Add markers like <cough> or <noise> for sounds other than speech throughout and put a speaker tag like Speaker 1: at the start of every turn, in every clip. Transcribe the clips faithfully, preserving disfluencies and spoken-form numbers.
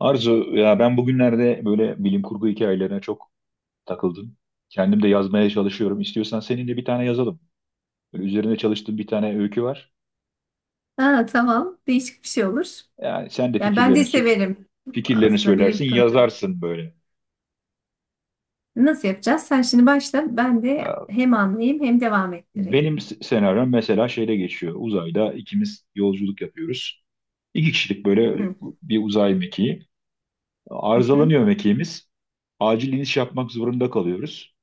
Speaker 1: Arzu, ya ben bugünlerde böyle bilim kurgu hikayelerine çok takıldım. Kendim de yazmaya çalışıyorum. İstiyorsan seninle bir tane yazalım. Böyle üzerine çalıştığım bir tane öykü var.
Speaker 2: Ha, tamam. Değişik bir şey olur.
Speaker 1: Yani sen de
Speaker 2: Yani ben
Speaker 1: fikirlerini
Speaker 2: de
Speaker 1: sö-
Speaker 2: severim
Speaker 1: fikirlerini
Speaker 2: aslında
Speaker 1: söylersin,
Speaker 2: bilim kurgu.
Speaker 1: yazarsın böyle.
Speaker 2: Nasıl yapacağız? Sen şimdi başla. Ben de
Speaker 1: Ya
Speaker 2: hem anlayayım hem devam ettireyim.
Speaker 1: benim s- senaryom mesela şeyde geçiyor. Uzayda ikimiz yolculuk yapıyoruz. İki kişilik böyle
Speaker 2: Hı,
Speaker 1: bir uzay mekiği.
Speaker 2: hı, hı.
Speaker 1: Arızalanıyor mekiğimiz. Acil iniş yapmak zorunda kalıyoruz.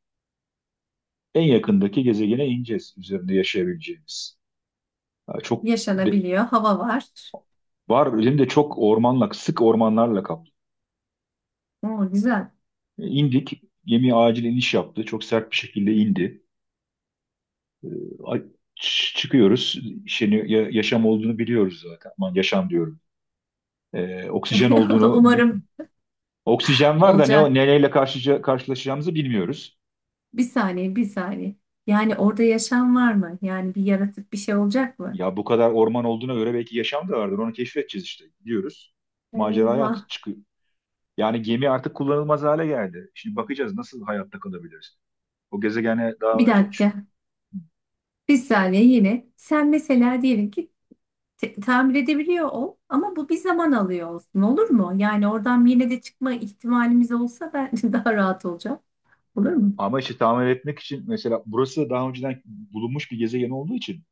Speaker 1: En yakındaki gezegene ineceğiz üzerinde yaşayabileceğimiz. Ya çok de-
Speaker 2: Yaşanabiliyor. Hava var.
Speaker 1: var elimde çok ormanla, sık ormanlarla kaplı.
Speaker 2: Oo, güzel.
Speaker 1: E, İndik, gemi acil iniş yaptı. Çok sert bir şekilde indi. A- ç- Çıkıyoruz. Şeyin, ya- yaşam olduğunu biliyoruz zaten. Aman yaşam diyorum. Ee, oksijen
Speaker 2: <laughs>
Speaker 1: olduğunu, bi-
Speaker 2: Umarım
Speaker 1: oksijen var da ne o-
Speaker 2: olacak.
Speaker 1: neyle karşı, karşılaşacağımızı bilmiyoruz.
Speaker 2: Bir saniye, bir saniye. Yani orada yaşam var mı? Yani bir yaratık bir şey olacak mı?
Speaker 1: Ya bu kadar orman olduğuna göre belki yaşam da vardır. Onu keşfedeceğiz işte. Gidiyoruz. Maceraya at-
Speaker 2: Eyvah.
Speaker 1: çıkıyor. Yani gemi artık kullanılmaz hale geldi. Şimdi bakacağız nasıl hayatta kalabiliriz. O gezegene
Speaker 2: Bir
Speaker 1: daha önce.
Speaker 2: dakika. Bir saniye yine. Sen mesela diyelim ki te- tamir edebiliyor ol ama bu bir zaman alıyor olsun olur mu? Yani oradan yine de çıkma ihtimalimiz olsa ben <laughs> daha rahat olacağım. Olur mu?
Speaker 1: Ama işte tamir etmek için mesela burası daha önceden bulunmuş bir gezegen olduğu için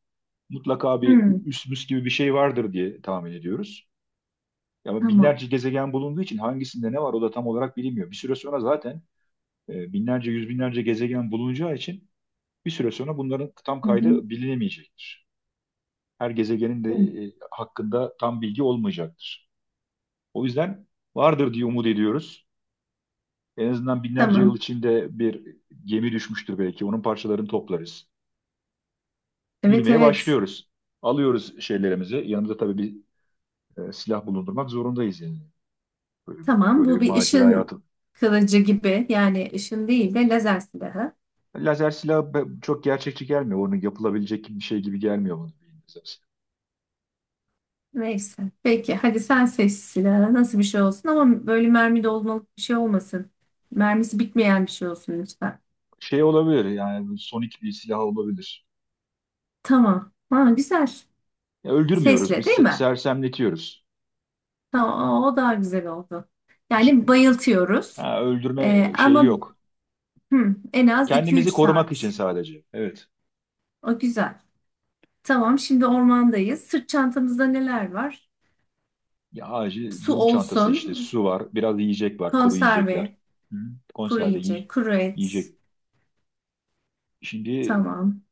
Speaker 1: mutlaka bir
Speaker 2: Hmm,
Speaker 1: üsmüs gibi bir şey vardır diye tahmin ediyoruz. Ama
Speaker 2: tamam.
Speaker 1: binlerce gezegen bulunduğu için hangisinde ne var o da tam olarak bilinmiyor. Bir süre sonra zaten e, binlerce, yüz binlerce gezegen bulunacağı için bir süre sonra bunların tam
Speaker 2: Hı hı.
Speaker 1: kaydı bilinemeyecektir. Her gezegenin de
Speaker 2: Hı.
Speaker 1: e, hakkında tam bilgi olmayacaktır. O yüzden vardır diye umut ediyoruz. En azından binlerce yıl
Speaker 2: Tamam.
Speaker 1: içinde bir gemi düşmüştür belki. Onun parçalarını toplarız.
Speaker 2: Evet,
Speaker 1: Yürümeye
Speaker 2: evet.
Speaker 1: başlıyoruz. Alıyoruz şeylerimizi. Yanımızda tabii bir e, silah bulundurmak zorundayız yani. Böyle,
Speaker 2: Tamam,
Speaker 1: böyle bir
Speaker 2: bu bir
Speaker 1: maceraya
Speaker 2: ışın
Speaker 1: atıl.
Speaker 2: kılıcı gibi yani ışın değil de lazer silahı.
Speaker 1: Lazer silahı be- çok gerçekçi gelmiyor. Onun yapılabilecek bir şey gibi gelmiyor bana. Lazer silahı.
Speaker 2: Neyse. Peki hadi sen seç silahı nasıl bir şey olsun, ama böyle mermi dolmalık bir şey olmasın. Mermisi bitmeyen bir şey olsun lütfen.
Speaker 1: Şey olabilir yani sonik bir silah olabilir.
Speaker 2: Tamam. Ha, güzel.
Speaker 1: Ya öldürmüyoruz biz
Speaker 2: Sesle değil
Speaker 1: se-
Speaker 2: mi?
Speaker 1: sersemletiyoruz.
Speaker 2: Tamam, o o daha güzel oldu.
Speaker 1: C-
Speaker 2: Yani bayıltıyoruz.
Speaker 1: ha,
Speaker 2: Ee,
Speaker 1: öldürme şeyi
Speaker 2: ama
Speaker 1: yok.
Speaker 2: hı, en az iki üç
Speaker 1: Kendimizi korumak için
Speaker 2: saat.
Speaker 1: sadece. Evet.
Speaker 2: O güzel. Tamam, şimdi ormandayız. Sırt çantamızda neler var?
Speaker 1: Ya acil
Speaker 2: Su
Speaker 1: durum çantası işte
Speaker 2: olsun,
Speaker 1: su var, biraz yiyecek var, kuru
Speaker 2: konserve,
Speaker 1: yiyecekler. Hı.
Speaker 2: kuru
Speaker 1: Konserve yiy-
Speaker 2: yiyecek, kuru et.
Speaker 1: yiyecek. Şimdi
Speaker 2: Tamam.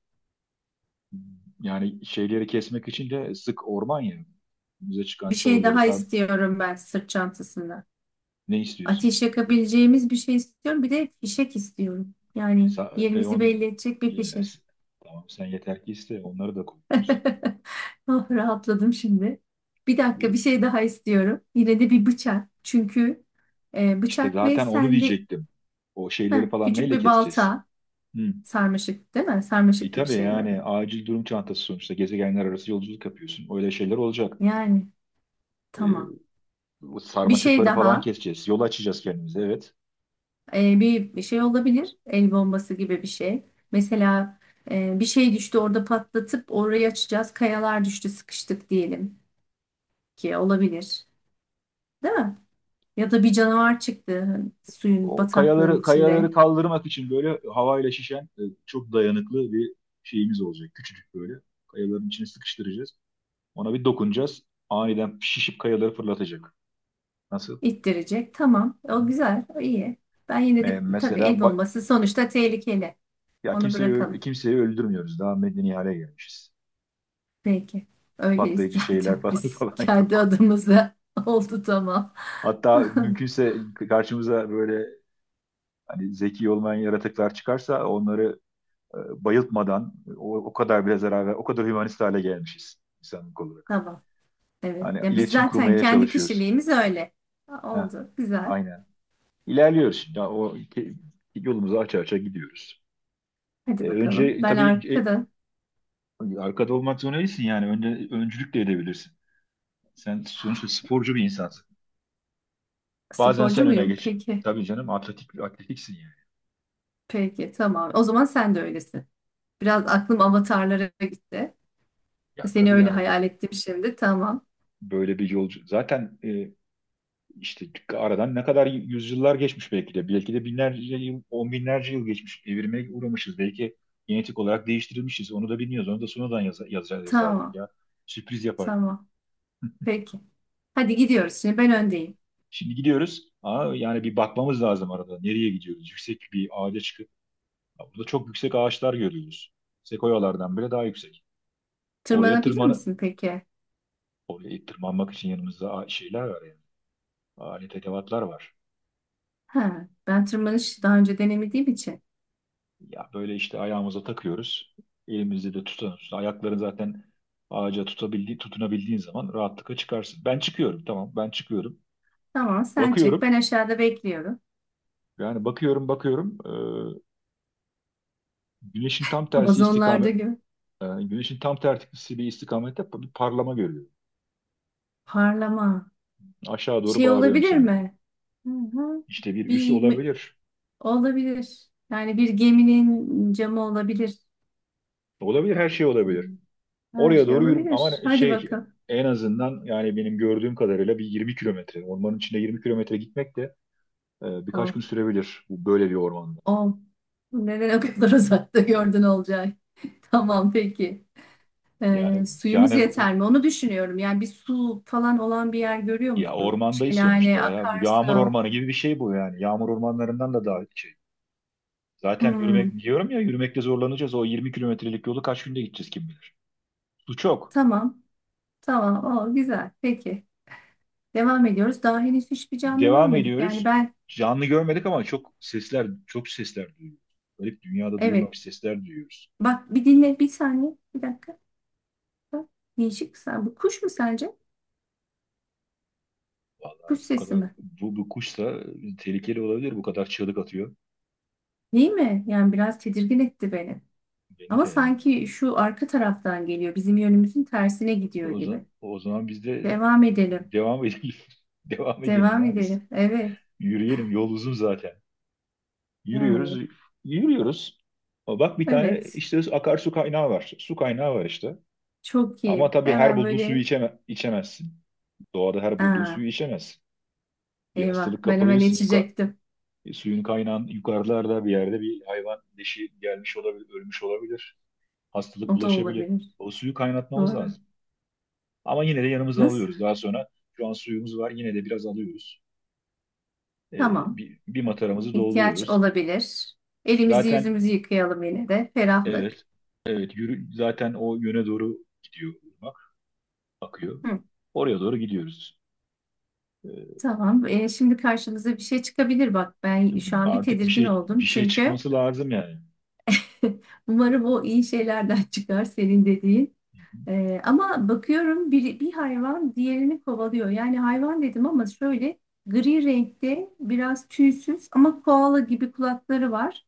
Speaker 1: yani şeyleri kesmek için de sık orman ya. Önümüze çıkan
Speaker 2: Bir şey
Speaker 1: çalıları
Speaker 2: daha
Speaker 1: sen
Speaker 2: istiyorum ben sırt çantasında.
Speaker 1: ne istiyorsun?
Speaker 2: Ateş yakabileceğimiz bir şey istiyorum. Bir de fişek istiyorum.
Speaker 1: E,
Speaker 2: Yani
Speaker 1: sa- e,
Speaker 2: yerimizi
Speaker 1: on,
Speaker 2: belli edecek bir
Speaker 1: e,
Speaker 2: fişek.
Speaker 1: s- tamam sen yeter ki iste onları da koyuyoruz.
Speaker 2: <laughs> Ah, rahatladım şimdi. Bir dakika,
Speaker 1: E,
Speaker 2: bir şey daha istiyorum. Yine de bir bıçak. Çünkü e,
Speaker 1: İşte
Speaker 2: bıçak ve
Speaker 1: zaten onu
Speaker 2: sende.
Speaker 1: diyecektim. O
Speaker 2: Heh,
Speaker 1: şeyleri falan
Speaker 2: küçük
Speaker 1: neyle
Speaker 2: bir
Speaker 1: keseceğiz?
Speaker 2: balta,
Speaker 1: Hı.
Speaker 2: sarmaşık değil mi?
Speaker 1: E
Speaker 2: Sarmaşık gibi
Speaker 1: tabii
Speaker 2: şeyleri.
Speaker 1: yani acil durum çantası sonuçta gezegenler arası yolculuk yapıyorsun. Öyle şeyler olacak.
Speaker 2: Yani
Speaker 1: E,
Speaker 2: tamam.
Speaker 1: Bu
Speaker 2: Bir şey
Speaker 1: sarmaşıkları falan
Speaker 2: daha.
Speaker 1: keseceğiz. Yol açacağız kendimize evet.
Speaker 2: E, bir, bir şey olabilir. El bombası gibi bir şey. Mesela e, bir şey düştü orada, patlatıp orayı açacağız. Kayalar düştü sıkıştık diyelim ki, olabilir. Değil mi? Ya da bir canavar çıktı suyun
Speaker 1: O
Speaker 2: bataklığın
Speaker 1: kayaları kayaları
Speaker 2: içinde.
Speaker 1: kaldırmak için böyle havayla şişen e, çok dayanıklı bir şeyimiz olacak. Küçücük böyle. Kayaların içine sıkıştıracağız. Ona bir dokunacağız. Aniden şişip kayaları fırlatacak. Nasıl?
Speaker 2: İttirecek. Tamam. O
Speaker 1: Hı-hı.
Speaker 2: güzel. O iyi. Ben yine
Speaker 1: E,
Speaker 2: de tabii,
Speaker 1: mesela
Speaker 2: el
Speaker 1: ba-
Speaker 2: bombası sonuçta tehlikeli.
Speaker 1: ya
Speaker 2: Onu
Speaker 1: kimseyi ö-
Speaker 2: bırakalım.
Speaker 1: kimseyi öldürmüyoruz. Daha medeni hale gelmişiz.
Speaker 2: Peki. Öyleyiz
Speaker 1: Patlayıcı şeyler
Speaker 2: zaten, <laughs>
Speaker 1: falan <laughs>
Speaker 2: biz
Speaker 1: falan
Speaker 2: kendi
Speaker 1: yok.
Speaker 2: adımıza. <laughs> Oldu, tamam.
Speaker 1: Hatta
Speaker 2: <laughs>
Speaker 1: mümkünse karşımıza böyle hani zeki olmayan yaratıklar çıkarsa onları e, bayıltmadan o, o kadar bile zarar ver, o kadar hümanist hale gelmişiz insanlık olarak.
Speaker 2: Tamam. Evet.
Speaker 1: Hani
Speaker 2: Ya biz
Speaker 1: iletişim
Speaker 2: zaten
Speaker 1: kurmaya
Speaker 2: kendi
Speaker 1: çalışıyoruz.
Speaker 2: kişiliğimiz öyle. Ha,
Speaker 1: Heh,
Speaker 2: oldu. Güzel.
Speaker 1: aynen. İlerliyoruz şimdi. Ya o ke- yolumuzu aça aça gidiyoruz.
Speaker 2: Hadi
Speaker 1: E,
Speaker 2: bakalım.
Speaker 1: önce
Speaker 2: Ben
Speaker 1: tabii e,
Speaker 2: arkada.
Speaker 1: arkada olmak zorunda değilsin yani. Önce öncülük de edebilirsin. Sen sonuçta sporcu bir insansın. Bazen
Speaker 2: Sporcu
Speaker 1: sen öne
Speaker 2: muyum?
Speaker 1: geç.
Speaker 2: Peki.
Speaker 1: Tabii canım atletik atletiksin yani.
Speaker 2: Peki. Tamam. O zaman sen de öylesin. Biraz aklım avatarlara gitti.
Speaker 1: Ya
Speaker 2: Seni
Speaker 1: tabii
Speaker 2: öyle
Speaker 1: yani
Speaker 2: hayal ettim şimdi. Tamam.
Speaker 1: böyle bir yolcu. Zaten e, işte aradan ne kadar yüzyıllar geçmiş belki de. Belki de binlerce yıl, on binlerce yıl geçmiş. Evirmeye uğramışız. Belki genetik olarak değiştirilmişiz. Onu da bilmiyoruz. Onu da sonradan yaz yazacağız, yazardık
Speaker 2: Tamam.
Speaker 1: ya. Sürpriz yapardık.
Speaker 2: Tamam. Peki. Hadi gidiyoruz. Şimdi ben öndeyim.
Speaker 1: Şimdi gidiyoruz. Aa, yani bir bakmamız lazım arada. Nereye gidiyoruz? Yüksek bir ağaca çıkıp. Ya burada çok yüksek ağaçlar görüyoruz. Sekoyalardan bile daha yüksek. Oraya
Speaker 2: Tırmanabilir
Speaker 1: tırman
Speaker 2: misin peki?
Speaker 1: oraya tırmanmak için yanımızda a- şeyler var yani. Alet edevatlar var.
Speaker 2: Ha, ben tırmanış daha önce denemediğim için.
Speaker 1: Ya böyle işte ayağımıza takıyoruz. Elimizde de tutuyoruz. Ayakların zaten ağaca tutabildiği, tutunabildiğin zaman rahatlıkla çıkarsın. Ben çıkıyorum tamam ben çıkıyorum.
Speaker 2: Tamam sen çık.
Speaker 1: Bakıyorum
Speaker 2: Ben aşağıda bekliyorum.
Speaker 1: yani bakıyorum bakıyorum. Ee, güneşin tam tersi
Speaker 2: Amazonlarda
Speaker 1: istikamet,
Speaker 2: gibi.
Speaker 1: e, güneşin tam tersi bir istikamette bir parlama görüyorum.
Speaker 2: Parlama.
Speaker 1: Aşağı doğru
Speaker 2: Şey
Speaker 1: bağırıyorum
Speaker 2: olabilir
Speaker 1: sana.
Speaker 2: mi? Hı hı.
Speaker 1: İşte bir üs
Speaker 2: Bir mü-
Speaker 1: olabilir.
Speaker 2: Olabilir. Yani bir geminin camı olabilir.
Speaker 1: Olabilir her şey
Speaker 2: Hı.
Speaker 1: olabilir.
Speaker 2: Her
Speaker 1: Oraya
Speaker 2: şey
Speaker 1: doğru yürüm
Speaker 2: olabilir.
Speaker 1: ama
Speaker 2: Hadi
Speaker 1: şey
Speaker 2: bakalım.
Speaker 1: en azından yani benim gördüğüm kadarıyla bir yirmi kilometre. Ormanın içinde yirmi kilometre gitmek de e, birkaç
Speaker 2: Of,
Speaker 1: gün sürebilir bu böyle bir ormanda.
Speaker 2: of. Neden o kadar <laughs> uzakta gördün Olcay? <laughs> Tamam peki. Ee,
Speaker 1: Yani
Speaker 2: suyumuz
Speaker 1: yani bu-
Speaker 2: yeter mi? Onu düşünüyorum. Yani bir su falan olan bir yer görüyor
Speaker 1: ya
Speaker 2: musun?
Speaker 1: ormandayız sonuçta
Speaker 2: Şelale,
Speaker 1: ya. Bu yağmur
Speaker 2: akarsa.
Speaker 1: ormanı gibi bir şey bu yani. Yağmur ormanlarından da daha şey. Zaten
Speaker 2: Hmm,
Speaker 1: yürümek diyorum ya yürümekte zorlanacağız. O yirmi kilometrelik yolu kaç günde gideceğiz kim bilir. Su çok.
Speaker 2: tamam. Tamam. O güzel. Peki. Devam ediyoruz. Daha henüz hiçbir canlı
Speaker 1: Devam
Speaker 2: görmedik. Yani
Speaker 1: ediyoruz.
Speaker 2: ben,
Speaker 1: Canlı görmedik ama çok sesler, çok sesler duyuyoruz. Garip dünyada
Speaker 2: evet.
Speaker 1: duyulmamış sesler duyuyoruz.
Speaker 2: Bak bir dinle bir saniye. Bir dakika. Bak, değişik. Sen, bu kuş mu sence?
Speaker 1: Vallahi
Speaker 2: Kuş
Speaker 1: bu
Speaker 2: sesi
Speaker 1: kadar
Speaker 2: mi?
Speaker 1: bu, bu kuşsa tehlikeli olabilir. Bu kadar çığlık atıyor.
Speaker 2: Değil mi? Yani biraz tedirgin etti beni.
Speaker 1: Beni
Speaker 2: Ama
Speaker 1: de yani.
Speaker 2: sanki şu arka taraftan geliyor. Bizim yönümüzün tersine gidiyor
Speaker 1: O
Speaker 2: gibi.
Speaker 1: zaman, o zaman biz de
Speaker 2: Devam edelim.
Speaker 1: devam edelim. <laughs> Devam edelim
Speaker 2: Devam
Speaker 1: ya biz.
Speaker 2: edelim. Evet.
Speaker 1: Yürüyelim. Yol uzun zaten. Yürüyoruz.
Speaker 2: Yani.
Speaker 1: Yürüyoruz. Ama bak bir tane
Speaker 2: Evet.
Speaker 1: işte akarsu kaynağı var. Su kaynağı var işte.
Speaker 2: Çok
Speaker 1: Ama
Speaker 2: iyi.
Speaker 1: tabii her
Speaker 2: Hemen
Speaker 1: bulduğun suyu
Speaker 2: böyle.
Speaker 1: içeme, içemezsin. Doğada her bulduğun
Speaker 2: Aa,
Speaker 1: suyu içemezsin. Bir
Speaker 2: eyvah.
Speaker 1: hastalık
Speaker 2: Ben hemen
Speaker 1: kapabilirsin. Yuka,
Speaker 2: içecektim.
Speaker 1: e, suyun kaynağın yukarılarda bir yerde bir hayvan leşi gelmiş olabilir, ölmüş olabilir. Hastalık
Speaker 2: O da
Speaker 1: bulaşabilir.
Speaker 2: olabilir.
Speaker 1: O suyu kaynatmamız
Speaker 2: Doğru.
Speaker 1: lazım. Ama yine de yanımıza
Speaker 2: Nasıl?
Speaker 1: alıyoruz. Daha sonra şu an suyumuz var. Yine de biraz alıyoruz. E,
Speaker 2: Tamam.
Speaker 1: bir, bir mataramızı
Speaker 2: İhtiyaç
Speaker 1: dolduruyoruz.
Speaker 2: olabilir. Elimizi
Speaker 1: Zaten
Speaker 2: yüzümüzü yıkayalım yine de. Ferahlık.
Speaker 1: evet, evet yürü, zaten o yöne doğru gidiyor ırmak, akıyor.
Speaker 2: Hı.
Speaker 1: Oraya doğru gidiyoruz. E,
Speaker 2: Tamam. E, şimdi karşımıza bir şey çıkabilir. Bak ben şu an bir
Speaker 1: artık bir
Speaker 2: tedirgin
Speaker 1: şey bir
Speaker 2: oldum.
Speaker 1: şey
Speaker 2: Çünkü
Speaker 1: çıkması lazım yani.
Speaker 2: <laughs> umarım o iyi şeylerden çıkar senin dediğin. Ee, ama bakıyorum bir, bir hayvan diğerini kovalıyor. Yani hayvan dedim ama şöyle gri renkte, biraz tüysüz ama koala gibi kulakları var.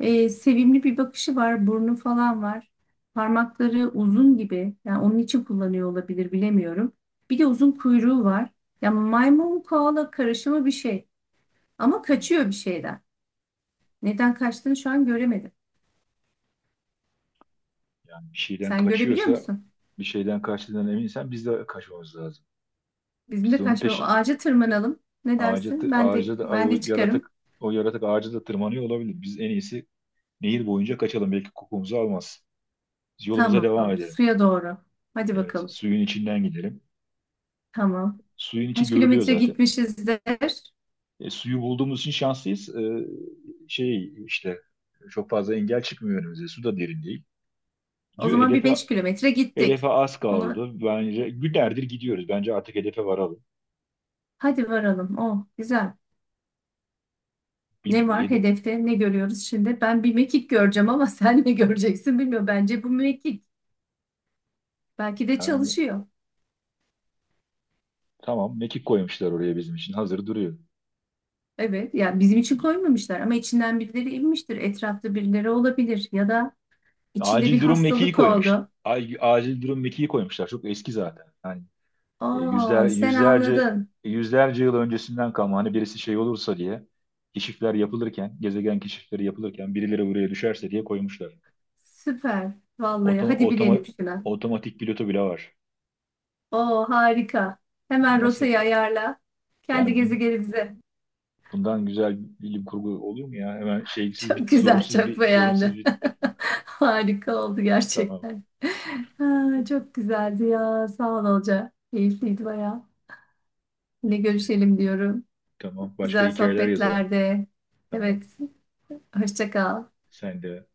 Speaker 2: Ee, sevimli bir bakışı var, burnu falan var. Parmakları uzun gibi. Yani onun için kullanıyor olabilir, bilemiyorum. Bir de uzun kuyruğu var. Yani maymun koala karışımı bir şey. Ama kaçıyor bir şeyden. Neden kaçtığını şu an göremedim.
Speaker 1: Yani bir şeyden
Speaker 2: Sen görebiliyor
Speaker 1: kaçıyorsa,
Speaker 2: musun?
Speaker 1: bir şeyden kaçtığından eminsen biz de kaçmamız lazım.
Speaker 2: Bizim
Speaker 1: Biz
Speaker 2: de
Speaker 1: de onun
Speaker 2: kaçmıyor.
Speaker 1: peşi
Speaker 2: Ağaca tırmanalım. Ne
Speaker 1: ağaca
Speaker 2: dersin?
Speaker 1: tı-
Speaker 2: Ben de
Speaker 1: ağaca da
Speaker 2: ben
Speaker 1: o
Speaker 2: de çıkarım.
Speaker 1: yaratık o yaratık ağaca da tırmanıyor olabilir. Biz en iyisi nehir boyunca kaçalım. Belki kokumuzu almaz. Biz yolumuza devam
Speaker 2: Tamam.
Speaker 1: edelim.
Speaker 2: Suya doğru. Hadi
Speaker 1: Evet,
Speaker 2: bakalım.
Speaker 1: suyun içinden gidelim.
Speaker 2: Tamam.
Speaker 1: Suyun içi
Speaker 2: Kaç
Speaker 1: görülüyor
Speaker 2: kilometre
Speaker 1: zaten.
Speaker 2: gitmişizdir?
Speaker 1: E, suyu bulduğumuz için şanslıyız. E, şey işte çok fazla engel çıkmıyor önümüze. Su da derin değil.
Speaker 2: O
Speaker 1: Diyor
Speaker 2: zaman bir
Speaker 1: hedefe
Speaker 2: beş kilometre
Speaker 1: hedefe
Speaker 2: gittik.
Speaker 1: az
Speaker 2: Ona
Speaker 1: kaldı. Bence günlerdir gidiyoruz. Bence artık hedefe varalım.
Speaker 2: hadi varalım. Oh, güzel.
Speaker 1: Bir,
Speaker 2: Ne var
Speaker 1: hede-
Speaker 2: hedefte? Ne görüyoruz şimdi? Ben bir mekik göreceğim ama <laughs> sen ne göreceksin bilmiyorum. Bence bu mekik. Belki de
Speaker 1: yani
Speaker 2: çalışıyor.
Speaker 1: tamam mekik koymuşlar oraya bizim için. Hazır duruyor.
Speaker 2: Evet, yani bizim
Speaker 1: E,
Speaker 2: için
Speaker 1: e,
Speaker 2: koymamışlar ama içinden birileri inmiştir. Etrafta birileri olabilir, ya da içinde bir
Speaker 1: Acil durum mekiği
Speaker 2: hastalık
Speaker 1: koymuş.
Speaker 2: oldu.
Speaker 1: Ay- Acil durum mekiği koymuşlar. Çok eski zaten. Yani E, yüzler,
Speaker 2: Aa, sen
Speaker 1: yüzlerce
Speaker 2: anladın.
Speaker 1: yüzlerce yıl öncesinden kalma hani birisi şey olursa diye keşifler yapılırken, gezegen keşifleri yapılırken birileri buraya düşerse diye koymuşlar.
Speaker 2: Süper. Vallahi
Speaker 1: Otoma,
Speaker 2: hadi
Speaker 1: otoma-
Speaker 2: bilelim şuna.
Speaker 1: otomatik pilotu bile var.
Speaker 2: Oo, harika. Hemen
Speaker 1: Nasıl?
Speaker 2: rotayı ayarla. Kendi
Speaker 1: Yani bun-
Speaker 2: gezegenimize.
Speaker 1: bundan güzel bilim kurgu olur mu ya? Hemen
Speaker 2: <laughs>
Speaker 1: şeysiz
Speaker 2: Çok
Speaker 1: bitti,
Speaker 2: güzel,
Speaker 1: sorunsuz
Speaker 2: çok
Speaker 1: bir sorunsuz
Speaker 2: beğendim.
Speaker 1: bitti.
Speaker 2: <laughs> Harika oldu
Speaker 1: <laughs> Tamam.
Speaker 2: gerçekten. Ha, çok güzeldi ya. Sağ ol Olca. Keyifliydi bayağı. Yine görüşelim diyorum.
Speaker 1: Tamam. Başka
Speaker 2: Güzel
Speaker 1: hikayeler yazalım.
Speaker 2: sohbetlerde.
Speaker 1: Tamam.
Speaker 2: Evet, hoşça kal.
Speaker 1: Sen de